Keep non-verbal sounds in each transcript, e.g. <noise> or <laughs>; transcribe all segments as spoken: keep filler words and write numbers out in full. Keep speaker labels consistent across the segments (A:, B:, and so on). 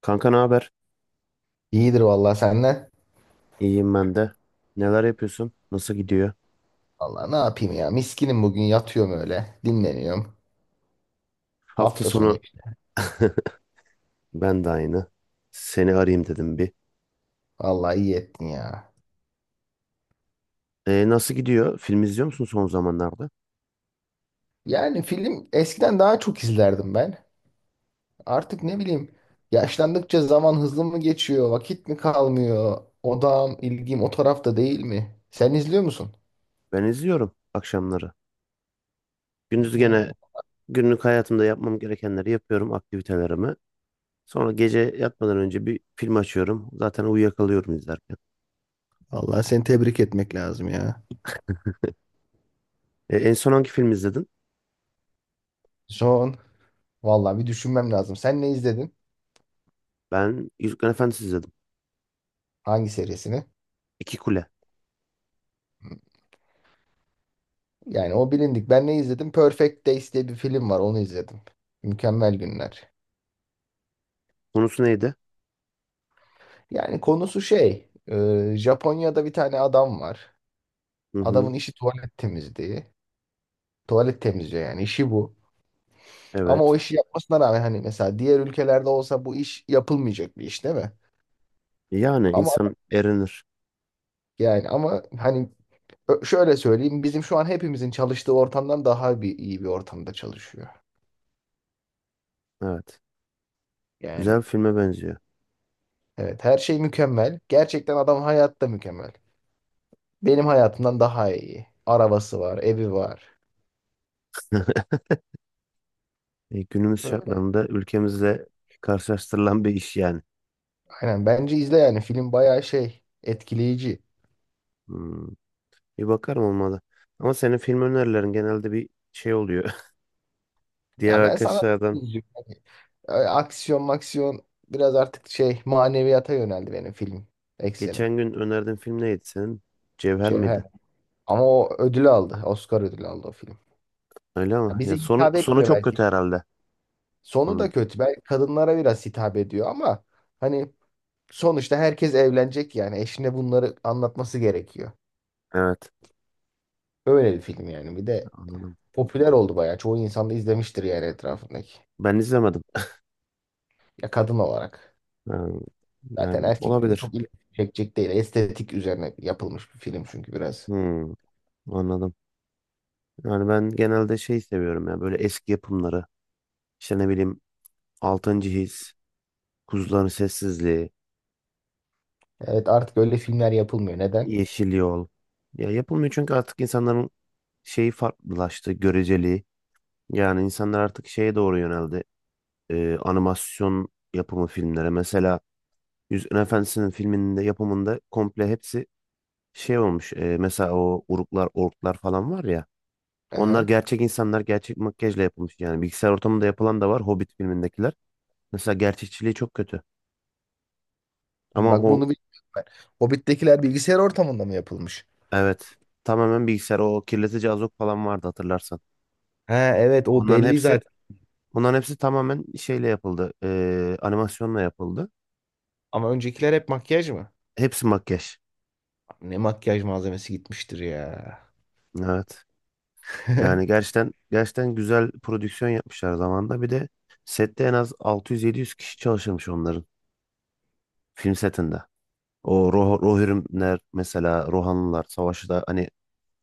A: Kanka ne haber?
B: İyidir vallahi senden.
A: İyiyim ben de. Neler yapıyorsun? Nasıl gidiyor?
B: Vallahi ne yapayım ya? Miskinim bugün yatıyorum öyle. Dinleniyorum.
A: Hafta
B: Hafta sonu.
A: sonu. <laughs> Ben de aynı. Seni arayayım dedim bir.
B: Vallahi iyi ettin ya.
A: E, nasıl gidiyor? Film izliyor musun son zamanlarda?
B: Yani film eskiden daha çok izlerdim ben. Artık ne bileyim, yaşlandıkça zaman hızlı mı geçiyor? Vakit mi kalmıyor? Odağım, ilgim o tarafta değil mi? Sen izliyor musun?
A: Ben izliyorum akşamları. Gündüz
B: Ya
A: gene günlük hayatımda yapmam gerekenleri yapıyorum, aktivitelerimi. Sonra gece yatmadan önce bir film açıyorum. Zaten uyuyakalıyorum izlerken.
B: vallahi seni tebrik etmek lazım ya.
A: E, en son hangi film izledin?
B: Son. Vallahi bir düşünmem lazım. Sen ne izledin?
A: Ben Yüzüklerin Efendisi izledim.
B: Hangi serisini?
A: İki Kule.
B: Yani o bilindik. Ben ne izledim? Perfect Days diye bir film var. Onu izledim. Mükemmel günler.
A: Konusu neydi?
B: Yani konusu şey. e, Japonya'da bir tane adam var.
A: Hı hı.
B: Adamın işi tuvalet temizliği. Tuvalet temizliyor yani. İşi bu. Ama o
A: Evet.
B: işi yapmasına rağmen hani mesela diğer ülkelerde olsa bu iş yapılmayacak bir iş, değil mi?
A: Yani
B: Ama
A: insan erinir.
B: yani ama hani ö- şöyle söyleyeyim. Bizim şu an hepimizin çalıştığı ortamdan daha bir iyi bir ortamda çalışıyor.
A: Evet. Güzel
B: Yani
A: bir filme benziyor.
B: evet, her şey mükemmel. Gerçekten adam hayatta mükemmel. Benim hayatımdan daha iyi. Arabası var, evi var.
A: <laughs> E, günümüz
B: Böyle.
A: şartlarında ülkemizle karşılaştırılan bir iş yani.
B: Aynen, bence izle yani. Film bayağı şey etkileyici.
A: Hmm, Bir bakarım olmalı. Ama senin film önerilerin genelde bir şey oluyor. <laughs> Diğer
B: Ya ben sana
A: arkadaşlardan
B: izliyorum. Hani, e, aksiyon maksiyon biraz artık şey maneviyata yöneldi benim film eksenim.
A: geçen gün önerdiğin film neydi senin? Cevher
B: Cevher.
A: miydi?
B: Ama o ödül aldı. Oscar ödülü aldı o film.
A: Öyle
B: Ya
A: ama
B: bize
A: ya sonu
B: hitap
A: sonu
B: etmiyor
A: çok kötü
B: belki.
A: herhalde
B: Sonu da
A: onun.
B: kötü. Belki kadınlara biraz hitap ediyor ama hani sonuçta herkes evlenecek yani. Eşine bunları anlatması gerekiyor.
A: Evet,
B: Öyle bir film yani. Bir de
A: anladım.
B: popüler oldu bayağı. Çoğu insan da izlemiştir yani, etrafındaki.
A: Ben izlemedim.
B: Ya, kadın olarak.
A: Ha,
B: Zaten
A: yani,
B: erkeklerin
A: olabilir.
B: çok ilgi çekecek değil. Estetik üzerine yapılmış bir film çünkü biraz.
A: Hmm, Anladım. Yani ben genelde şey seviyorum ya böyle eski yapımları. İşte ne bileyim altıncı. His, Kuzuların Sessizliği,
B: Evet, artık öyle filmler yapılmıyor. Neden?
A: Yeşil Yol. Ya yapılmıyor çünkü artık insanların şeyi farklılaştı, göreceliği. Yani insanlar artık şeye doğru yöneldi. Ee, animasyon yapımı filmlere. Mesela Yüzüklerin Efendisi'nin filminde yapımında komple hepsi şey olmuş. E, mesela o uruklar, orklar falan var ya. Onlar
B: Aha.
A: gerçek insanlar gerçek makyajla yapılmış. Yani bilgisayar ortamında yapılan da var Hobbit filmindekiler. Mesela gerçekçiliği çok kötü. Ama
B: Bak,
A: o,
B: bunu bilmiyorum ben. Hobbit'tekiler bilgisayar ortamında mı yapılmış?
A: evet, tamamen bilgisayar, o kirletici azok falan vardı hatırlarsan.
B: Ha evet, o
A: Onların
B: belli
A: hepsi
B: zaten.
A: Bunların hepsi tamamen şeyle yapıldı. Ee, animasyonla yapıldı.
B: Ama öncekiler hep makyaj mı?
A: Hepsi makyaj.
B: Abi, ne makyaj malzemesi gitmiştir ya.
A: Evet. Yani
B: <laughs>
A: gerçekten gerçekten güzel prodüksiyon yapmışlar zamanda. Bir de sette en az altı yüz yedi yüz kişi çalışırmış onların film setinde. O Roh Rohirrimler, mesela Rohanlılar savaşı, hani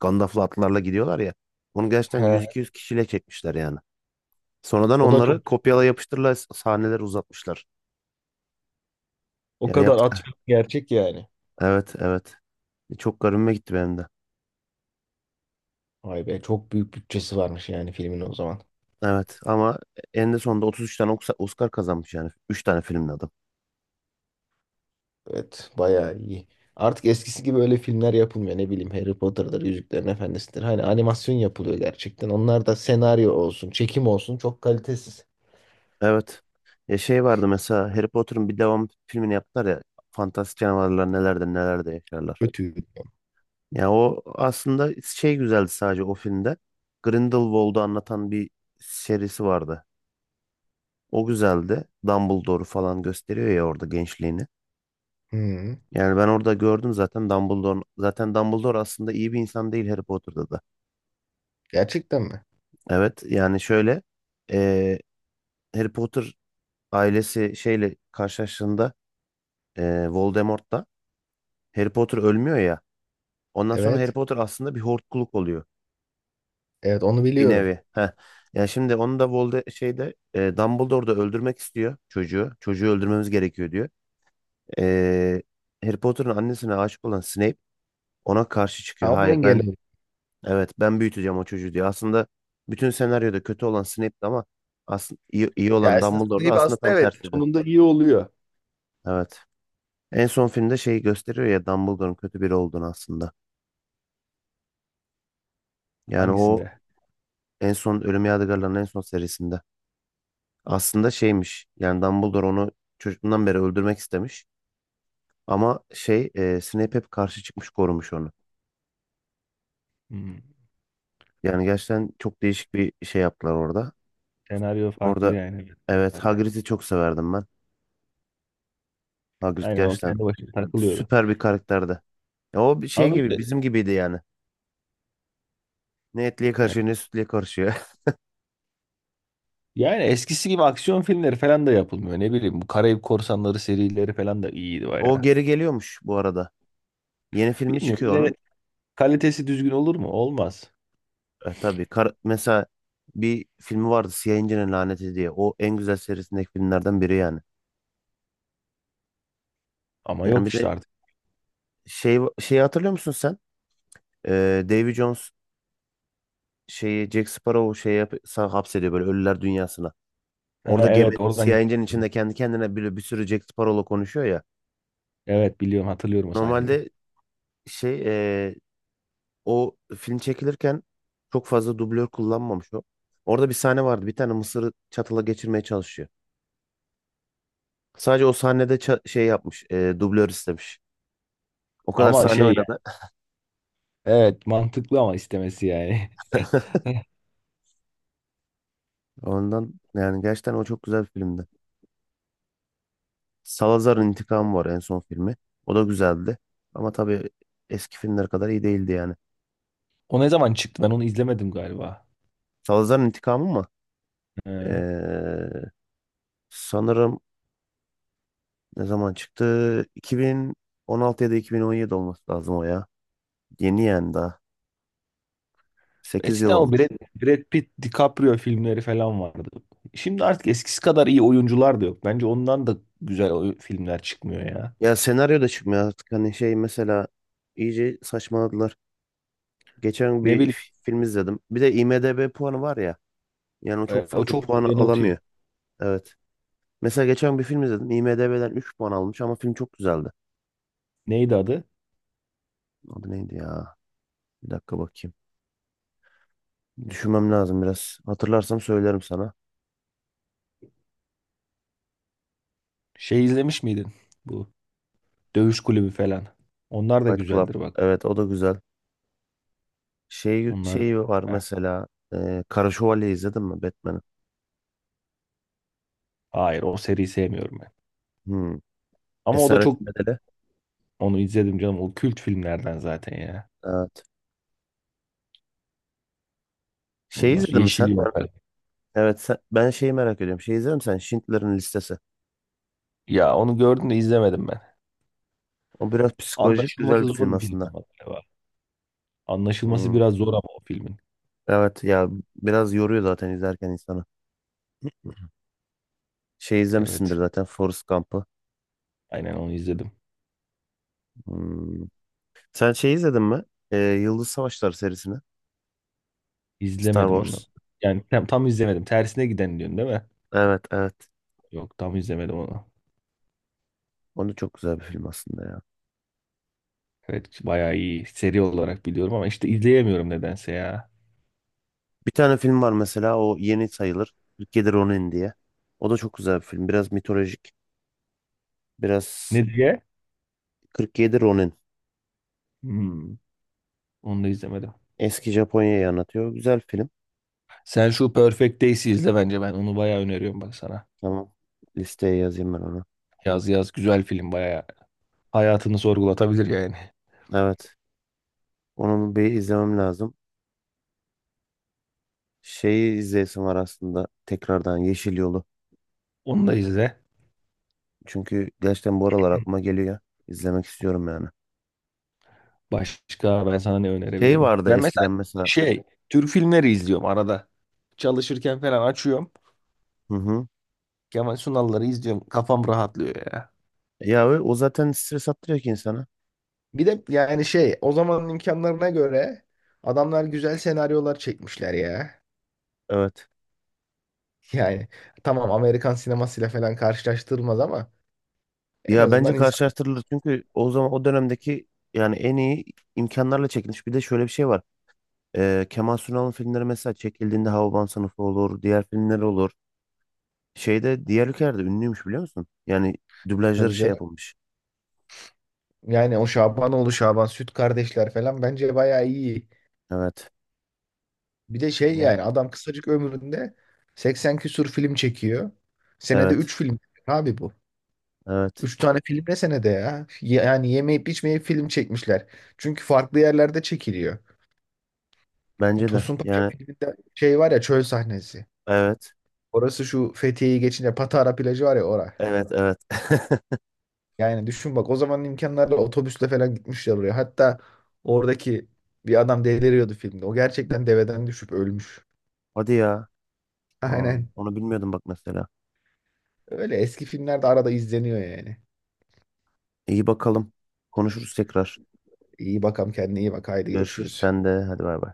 A: Gandalf'lı atlarla gidiyorlar ya. Onu gerçekten
B: He,
A: yüz iki yüz kişiyle çekmişler yani. Sonradan
B: o da çok
A: onları kopyala yapıştırla sahneler uzatmışlar.
B: o
A: Yani
B: kadar
A: yaptık.
B: atfet gerçek yani.
A: Evet evet. E, Çok garibime gitti benim de.
B: Vay be, çok büyük bütçesi varmış yani filmin o zaman.
A: Evet ama en de sonunda otuz üç tane Oks- Oscar kazanmış yani. Üç tane filmle adam.
B: Evet, bayağı iyi. Artık eskisi gibi öyle filmler yapılmıyor, ne bileyim, Harry Potter'dır, Yüzüklerin Efendisi'dir. Hani animasyon yapılıyor gerçekten. Onlar da senaryo olsun, çekim olsun çok kalitesiz.
A: Evet. Ya şey vardı mesela, Harry Potter'ın bir devam filmini yaptılar ya. Fantastik Canavarlar nelerde nelerde Yaşarlar.
B: Kötü.
A: Ya o aslında şey güzeldi sadece o filmde. Grindelwald'u anlatan bir serisi vardı. O güzeldi. Dumbledore'u falan gösteriyor ya orada gençliğini.
B: Hı,
A: Yani ben orada gördüm zaten Dumbledore'un, zaten Dumbledore aslında iyi bir insan değil Harry Potter'da da.
B: gerçekten mi?
A: Evet, yani şöyle, eee Harry Potter ailesi şeyle karşılaştığında, e, Voldemort'la, Harry Potter ölmüyor ya. Ondan sonra Harry
B: Evet.
A: Potter aslında bir hortkuluk oluyor
B: Evet, onu
A: bir
B: biliyorum.
A: nevi. Heh. Ya şimdi onu da Volde şeyde, e, Dumbledore da öldürmek istiyor çocuğu. Çocuğu öldürmemiz gerekiyor diyor. E, Harry Potter'ın annesine aşık olan Snape ona karşı çıkıyor.
B: Ama
A: Hayır
B: engel
A: ben,
B: oldu.
A: evet ben büyüteceğim o çocuğu diyor. Aslında bütün senaryoda kötü olan Snape'ti ama aslında iyi, iyi
B: Ya,
A: olan
B: esnasında
A: Dumbledore'da
B: iyi
A: aslında
B: aslında,
A: tam
B: evet.
A: tersiydi.
B: Sonunda iyi oluyor.
A: Evet. En son filmde şeyi gösteriyor ya, Dumbledore'un kötü biri olduğunu aslında. Yani o
B: Hangisinde?
A: en son Ölüm Yadigarları'nın en son serisinde. Aslında şeymiş. Yani Dumbledore onu çocukluğundan beri öldürmek istemiş. Ama şey e, Snape hep karşı çıkmış, korumuş onu.
B: Hmm.
A: Yani gerçekten çok değişik bir şey yaptılar orada.
B: Senaryo farklı
A: Orada,
B: yani, büyük
A: evet,
B: ihtimalle.
A: Hagrid'i çok severdim ben. Hagrid
B: Aynen, o
A: gerçekten
B: kendi başına takılıyordu.
A: süper bir karakterdi. Ya o bir şey
B: Ama
A: gibi
B: böyle,
A: bizim gibiydi yani. Ne etliye karışıyor ne sütlüye karışıyor. <laughs>
B: yani eskisi gibi aksiyon filmleri falan da yapılmıyor. Ne bileyim, bu Karayip Korsanları serileri falan da iyiydi
A: O
B: bayağı.
A: geri geliyormuş bu arada. Yeni filmi
B: Bilmiyorum,
A: çıkıyor
B: yine
A: onun.
B: kalitesi düzgün olur mu? Olmaz.
A: E, tabii kar mesela bir filmi vardı, Siyah İnci'nin Laneti diye. O en güzel serisindeki filmlerden biri yani.
B: Ama
A: Yani
B: yok
A: bir de
B: işte artık.
A: şey şeyi hatırlıyor musun sen? Ee, Davy Jones şeyi, Jack Sparrow şey yap sa- hapsediyor böyle ölüler dünyasına.
B: Ha
A: Orada gemi
B: evet, oradan
A: Siyah İnci'nin
B: geliyor.
A: içinde kendi kendine bir, bir sürü Jack Sparrow'la konuşuyor ya.
B: Evet biliyorum, hatırlıyorum o sahneyi.
A: Normalde şey, e, o film çekilirken çok fazla dublör kullanmamış o. Orada bir sahne vardı. Bir tane mısırı çatala geçirmeye çalışıyor. Sadece o sahnede ça- şey yapmış. E, dublör istemiş. O kadar
B: Ama
A: sahne
B: şey yani,
A: oynadı.
B: evet mantıklı ama istemesi yani. <laughs>
A: Ondan, yani, gerçekten o çok güzel bir filmdi. Salazar'ın İntikamı var en son filmi. O da güzeldi. Ama tabii eski filmler kadar iyi değildi yani.
B: O ne zaman çıktı? Ben onu izlemedim galiba.
A: Salazar'ın İntikamı mı?
B: He.
A: Ee, Sanırım, ne zaman çıktı? iki bin on altı ya da iki bin on yedi olması lazım o ya. Yeni yani daha. sekiz yıl
B: Eskiden o
A: olmuş.
B: Brad, Brad Pitt, DiCaprio filmleri falan vardı. Şimdi artık eskisi kadar iyi oyuncular da yok. Bence ondan da güzel oy- filmler çıkmıyor ya.
A: Ya senaryo da çıkmıyor artık. Hani şey mesela, iyice saçmaladılar. Geçen
B: Ne
A: bir f-
B: bileyim,
A: film izledim. Bir de IMDb puanı var ya. Yani o çok
B: e, o
A: fazla puan
B: çok yanıltıyor.
A: alamıyor. Evet. Mesela geçen bir film izledim. IMDb'den üç puan almış ama film çok güzeldi.
B: Neydi adı?
A: Adı neydi ya? Bir dakika bakayım. Düşünmem lazım biraz. Hatırlarsam söylerim sana.
B: Şey izlemiş miydin? Bu Dövüş Kulübü falan. Onlar da
A: Fight Club.
B: güzeldir bak.
A: Evet, o da güzel. Şey,
B: Onlar
A: şey var
B: Eh,
A: mesela. E, Kara Şövalye izledin mi, Batman'ı?
B: hayır, o seriyi sevmiyorum ben.
A: Hmm.
B: Ama o da çok
A: Esaretin Bedeli.
B: onu izledim canım. O kült filmlerden zaten ya.
A: Evet. Şey
B: Ondan sonra
A: izledin mi
B: Yeşil
A: sen?
B: Yol
A: Ben,
B: falan.
A: evet sen- ben şeyi merak ediyorum. Şey izledin mi sen? Schindler'in Listesi.
B: Ya, onu gördüm de izlemedim ben.
A: O biraz psikolojik, güzel
B: Anlaşılması
A: bir
B: zor
A: film
B: bir film
A: aslında.
B: ama galiba. Anlaşılması
A: Hmm.
B: biraz zor ama o filmin.
A: Evet ya, biraz yoruyor zaten izlerken insanı. Şey izlemişsindir
B: Evet.
A: zaten, Forrest Gump'ı.
B: Aynen, onu izledim.
A: Hmm. Sen şey izledin mi? Ee, Yıldız Savaşları serisini. Star
B: İzlemedim onu.
A: Wars.
B: Yani tam, tam izlemedim. Tersine giden diyorsun, değil mi?
A: Evet evet.
B: Yok, tam izlemedim onu.
A: Onu çok güzel bir film aslında ya.
B: Evet, bayağı iyi. Seri olarak biliyorum ama işte izleyemiyorum nedense ya.
A: Bir tane film var mesela, o yeni sayılır. kırk yedi Ronin diye. O da çok güzel bir film. Biraz mitolojik. Biraz
B: Ne diye?
A: kırk yedi Ronin.
B: Hmm, onu da izlemedim.
A: Eski Japonya'yı anlatıyor. Güzel film.
B: Sen şu Perfect Days'i izle bence. Ben onu bayağı öneriyorum bak sana.
A: Tamam. Listeye yazayım ben onu.
B: Yaz yaz, güzel film bayağı. Hayatını sorgulatabilir yani.
A: Evet. Onu bir izlemem lazım. Şeyi izleyesim var aslında. Tekrardan Yeşil Yolu.
B: Onu da izle.
A: Çünkü gerçekten bu aralar aklıma geliyor. İzlemek istiyorum yani.
B: Başka ben sana ne
A: Şey
B: önerebilirim?
A: vardı
B: Ben mesela
A: eskiden mesela.
B: şey Türk filmleri izliyorum arada. Çalışırken falan açıyorum.
A: Hı hı.
B: Kemal Sunal'ları izliyorum. Kafam rahatlıyor ya.
A: E, Ya, o o zaten stres attırıyor ki insana.
B: Bir de yani şey o zamanın imkanlarına göre adamlar güzel senaryolar çekmişler ya. <laughs>
A: Evet.
B: Yani tamam, Amerikan sinemasıyla falan karşılaştırılmaz ama en
A: Ya bence
B: azından insan,
A: karşılaştırılır çünkü o zaman o dönemdeki yani en iyi imkanlarla çekilmiş. Bir de şöyle bir şey var. Ee, Kemal Sunal'ın filmleri, mesela çekildiğinde, Havaban Sınıfı olur, diğer filmler olur. Şeyde, diğer ülkelerde ünlüymüş biliyor musun? Yani dublajları
B: tabii
A: şey
B: canım.
A: yapılmış.
B: Yani o Şabanoğlu Şaban, Süt Kardeşler falan bence bayağı iyi.
A: Evet.
B: Bir de şey
A: Ne?
B: yani adam kısacık ömründe seksen küsur film çekiyor. Senede
A: Evet.
B: üç film çekiyor abi bu.
A: Evet.
B: Üç tane film ne senede ya? Yani yemeyip içmeyip film çekmişler. Çünkü farklı yerlerde çekiliyor.
A: Bence de.
B: Tosun Paşa
A: Yani
B: filminde şey var ya, çöl sahnesi.
A: evet.
B: Orası şu Fethiye'yi geçince Patara plajı var ya, oraya.
A: Evet, evet. <laughs>
B: Yani düşün bak, o zamanın imkanlarla otobüsle falan gitmişler oraya. Hatta oradaki bir adam deliriyordu filmde. O gerçekten deveden düşüp ölmüş.
A: Hadi ya. Aa,
B: Aynen.
A: onu bilmiyordum bak mesela.
B: Öyle eski filmlerde arada izleniyor yani.
A: İyi bakalım. Konuşuruz tekrar.
B: İyi bakalım, kendine iyi bak, haydi
A: Görüşürüz
B: görüşürüz.
A: sen de. Hadi bay bay.